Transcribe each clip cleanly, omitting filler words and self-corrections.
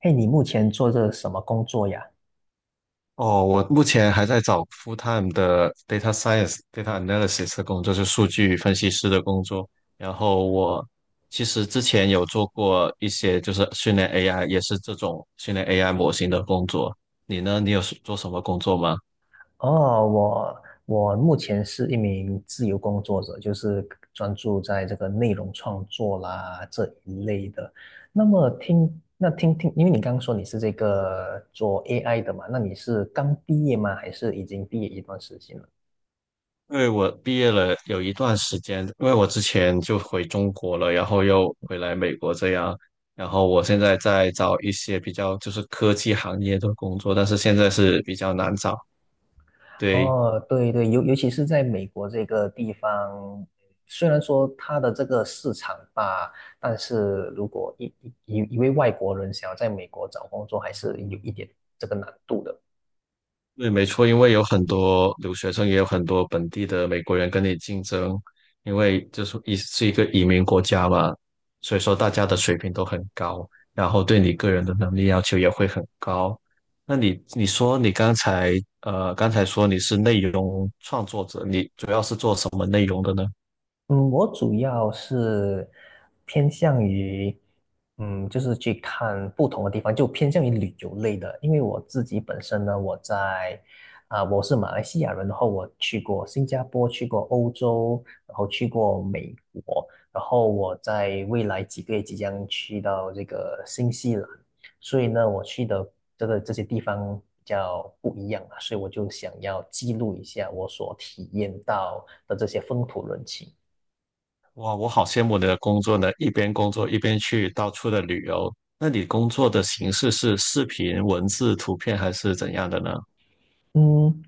嘿，你目前做这什么工作呀？哦，我目前还在找 full time 的 data science、data analysis 的工作，就是数据分析师的工作。然后我其实之前有做过一些，就是训练 AI，也是这种训练 AI 模型的工作。你呢？你是做什么工作吗？哦，我目前是一名自由工作者，就是专注在这个内容创作啦这一类的。那么听，那听听，因为你刚刚说你是这个做 AI 的嘛，那你是刚毕业吗？还是已经毕业一段时间了？因为我毕业了有一段时间，因为我之前就回中国了，然后又回来美国这样。然后我现在在找一些比较就是科技行业的工作，但是现在是比较难找。对，哦，对对，尤其是在美国这个地方，虽然说它的这个市场吧，但是如果一位外国人想要在美国找工作，还是有一点这个难度的。对，没错，因为有很多留学生，也有很多本地的美国人跟你竞争，因为就是一个移民国家嘛，所以说大家的水平都很高，然后对你个人的能力要求也会很高。那你说你刚才说你是内容创作者，你主要是做什么内容的呢？嗯，我主要是偏向于，嗯，就是去看不同的地方，就偏向于旅游类的。因为我自己本身呢，我在啊、我是马来西亚人，然后我去过新加坡，去过欧洲，然后去过美国，然后我在未来几个月即将去到这个新西兰，所以呢，我去的这些地方比较不一样啊，所以我就想要记录一下我所体验到的这些风土人情。哇，我好羡慕你的工作呢，一边工作一边去到处的旅游。那你工作的形式是视频、文字、图片还是怎样的呢？嗯，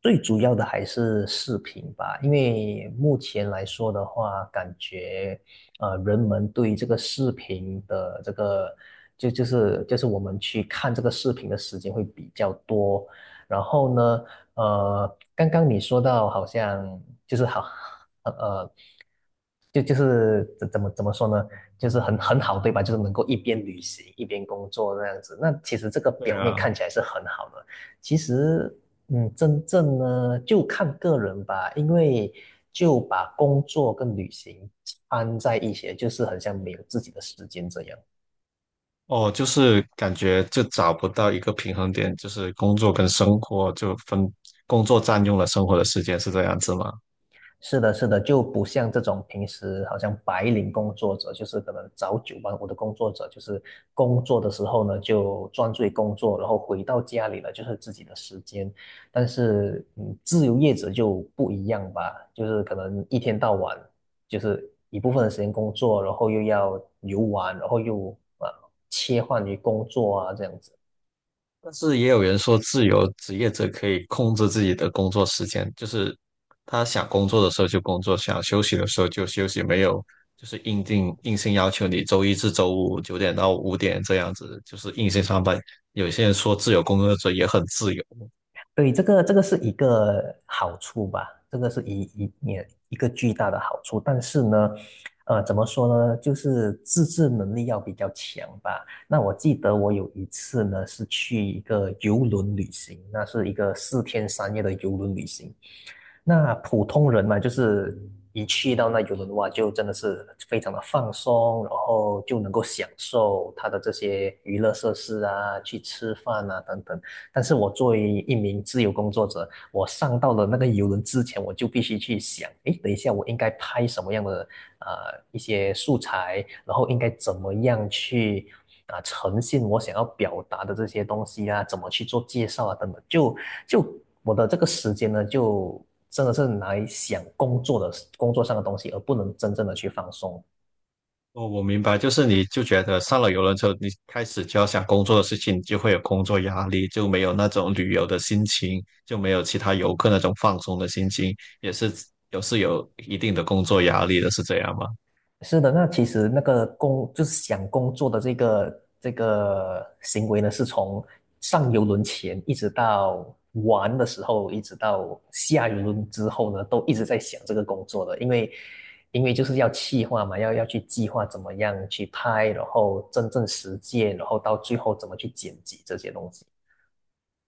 最主要的还是视频吧，因为目前来说的话，感觉人们对这个视频的这个，我们去看这个视频的时间会比较多。然后呢，刚刚你说到好像就是好，呃，呃怎么说呢？就是很好，对吧？就是能够一边旅行一边工作那样子。那其实这个对表面啊。看起来是很好的。其实嗯，真正呢就看个人吧，因为就把工作跟旅行掺在一起，就是很像没有自己的时间这样。哦，就是感觉就找不到一个平衡点，就是工作跟生活就分，工作占用了生活的时间，是这样子吗？是的，是的，就不像这种平时好像白领工作者，就是可能早九晚五的工作者，就是工作的时候呢就专注于工作，然后回到家里呢就是自己的时间。但是，嗯，自由业者就不一样吧，就是可能一天到晚就是一部分的时间工作，然后又要游玩，然后又啊切换于工作啊这样子。但是也有人说，自由职业者可以控制自己的工作时间，就是他想工作的时候就工作，想休息的时候就休息，没有就是硬性要求你周一至周五九点到五点这样子，就是硬性上班。有些人说自由工作者也很自由。对，这个是一个好处吧，这个是一个巨大的好处。但是呢，呃，怎么说呢，就是自制能力要比较强吧。那我记得我有一次呢，是去一个游轮旅行，那是一个四天三夜的游轮旅行。那普通人嘛，就是一去到那游轮的话，就真的是非常的放松，然后就能够享受它的这些娱乐设施啊，去吃饭啊等等。但是我作为一名自由工作者，我上到了那个游轮之前，我就必须去想，诶，等一下我应该拍什么样的呃一些素材，然后应该怎么样去呈现我想要表达的这些东西啊，怎么去做介绍啊等等，就我的这个时间呢，就真的是来想工作的工作上的东西，而不能真正的去放松。哦，我明白，就是你就觉得上了游轮之后，你开始就要想工作的事情，你就会有工作压力，就没有那种旅游的心情，就没有其他游客那种放松的心情，也是有一定的工作压力的，是这样吗？是的，那其实那个工就是想工作的这个行为呢，是从上游轮前一直到玩的时候，一直到下游轮之后呢，都一直在想这个工作的，因为就是要企划嘛，要去计划怎么样去拍，然后真正实践，然后到最后怎么去剪辑这些东西。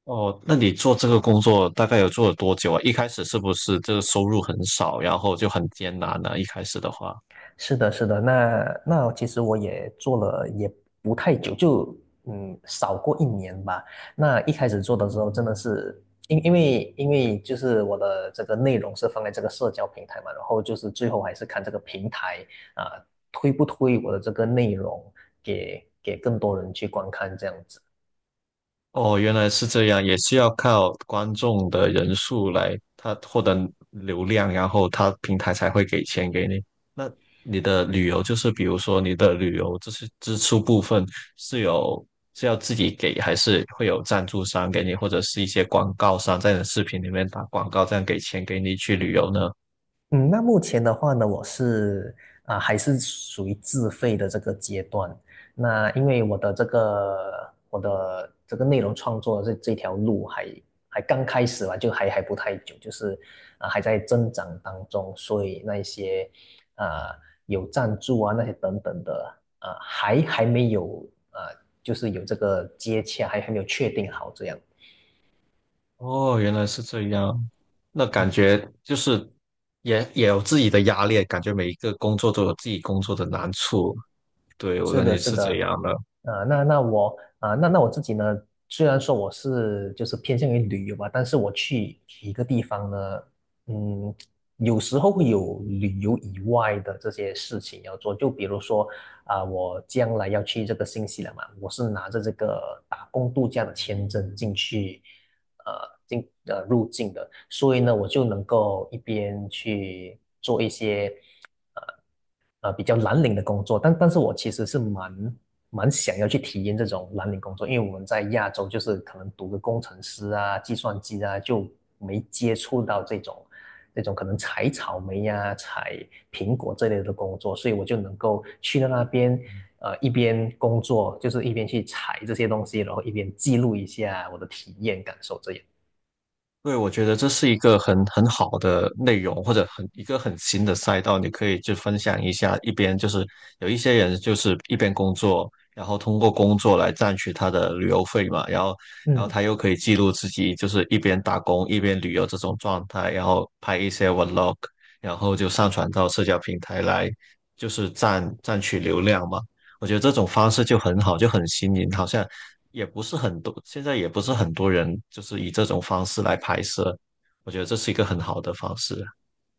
哦，那你做这个工作大概有做了多久啊？一开始是不是这个收入很少，然后就很艰难呢？一开始的话，是的，是的，那其实我也做了也不太久，就嗯少过一年吧。那一开始做的时候，真的是因为就是我的这个内容是放在这个社交平台嘛，然后就是最后还是看这个平台啊，推不推我的这个内容给更多人去观看这样子。哦，原来是这样，也是要靠观众的人数来，他获得流量，然后他平台才会给钱给你。那你的旅游就是，比如说你的旅游这是支出部分是有是要自己给，还是会有赞助商给你，或者是一些广告商在你的视频里面打广告，这样给钱给你去旅游呢？嗯，那目前的话呢，我还是属于自费的这个阶段。那因为我的这个内容创作的这条路还刚开始吧，就还不太久，还在增长当中，所以那一些啊、有赞助啊那些等等的还没有啊、就是有这个接洽，还没有确定好这样。哦，原来是这样，那感觉就是也有自己的压力，感觉每一个工作都有自己工作的难处。对，我是感的，觉是是这的，样的。啊、那那我啊、那那我自己呢，虽然说我是就是偏向于旅游吧，但是我去一个地方呢，嗯，有时候会有旅游以外的这些事情要做，就比如说我将来要去这个新西兰嘛，我是拿着这个打工度假的签证进去，呃，入境的，所以呢，我就能够一边去做一些比较蓝领的工作，但是我其实是蛮想要去体验这种蓝领工作，因为我们在亚洲就是可能读个工程师啊、计算机啊，就没接触到这种可能采草莓呀、采苹果这类的工作，所以我就能够去到那边。呃，一边工作就是一边去采这些东西，然后一边记录一下我的体验感受，这样。对，我觉得这是一个很好的内容，或者很一个很新的赛道，你可以就分享一下。一边就是有一些人就是一边工作，然后通过工作来赚取他的旅游费嘛，然后嗯，他又可以记录自己就是一边打工一边旅游这种状态，然后拍一些 vlog，然后就上传到社交平台来，就是赚取流量嘛。我觉得这种方式就很好，就很新颖，好像也不是很多，现在也不是很多人就是以这种方式来拍摄，我觉得这是一个很好的方式。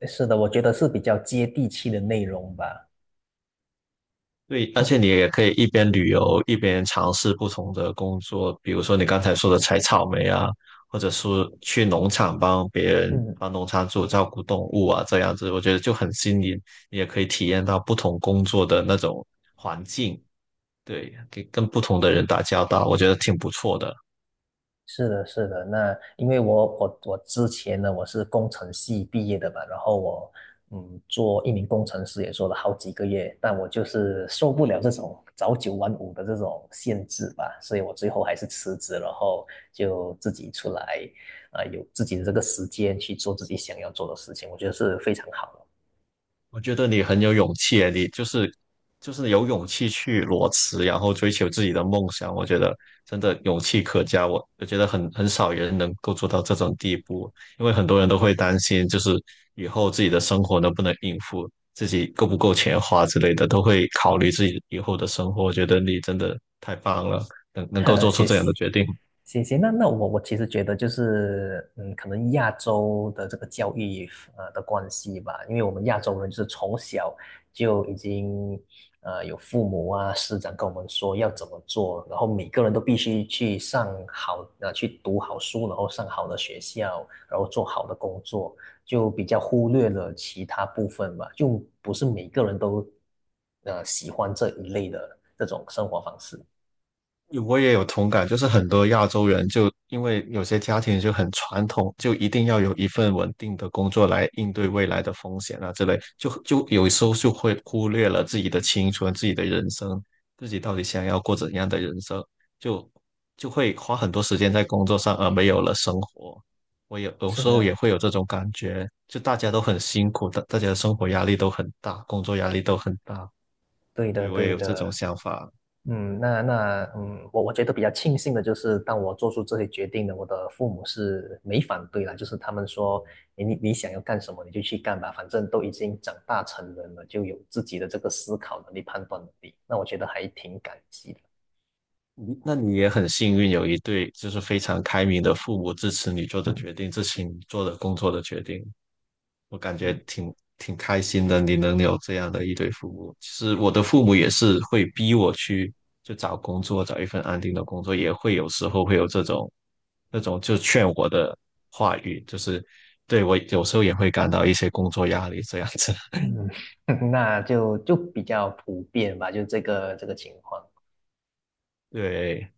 是的，我觉得是比较接地气的内容吧。对，而嗯且你也可以一边旅游一边尝试不同的工作，比如说你刚才说的采草莓啊，或者是去农场帮别人嗯。帮农场主照顾动物啊，这样子我觉得就很新颖，你也可以体验到不同工作的那种环境，对，跟不同的人打交道，我觉得挺不错的。是的，是的。那因为我我之前呢，我是工程系毕业的嘛，然后我嗯做一名工程师也做了好几个月，但我就是受不了这种早九晚五的这种限制吧，所以我最后还是辞职，然后就自己出来有自己的这个时间去做自己想要做的事情，我觉得是非常好我觉得你很有勇气诶，你就是有勇气去裸辞，然后追求自己的梦想。我觉得真的勇气可嘉，我觉得很少人能够做到这种地步，因为很多人都会担心，就是以后自己的生活能不能应付，自己够不够钱花之类的，都会考虑自己以后的生活。我觉得你真的太棒了，能够的。做出谢这样谢。的决定。行行，那我其实觉得就是，嗯，可能亚洲的这个教育的关系吧，因为我们亚洲人就是从小就已经有父母啊师长跟我们说要怎么做，然后每个人都必须去读好书，然后上好的学校，然后做好的工作，就比较忽略了其他部分吧，就不是每个人都喜欢这一类的这种生活方式。我也有同感，就是很多亚洲人就因为有些家庭就很传统，就一定要有一份稳定的工作来应对未来的风险啊之类，就有时候就会忽略了自己的青春、自己的人生，自己到底想要过怎样的人生，就就会花很多时间在工作上，而没有了生活。我有有是时候也的，会有这种感觉，就大家都很辛苦，大家的生活压力都很大，工作压力都很大，对的，对，我也对有这种的。想法。嗯，那那嗯，我我觉得比较庆幸的就是，当我做出这些决定呢，我的父母是没反对啦，就是他们说，诶你想要干什么你就去干吧，反正都已经长大成人了，就有自己的这个思考能力、判断能力，那我觉得还挺感激的。那你也很幸运，有一对就是非常开明的父母支持你做的嗯决定，支持你做的工作的决定，我感觉嗯挺开心的。你能有这样的一对父母，其实我的父母也是会逼我去就找工作，找一份安定的工作，也会有时候会有这种那种就劝我的话语，就是对我有时候也会感到一些工作压力这样子。嗯，那就就比较普遍吧，就这个这个情况。对，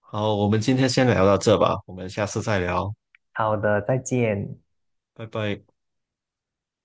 好，我们今天先聊到这吧，我们下次再聊，好的，再见。拜拜。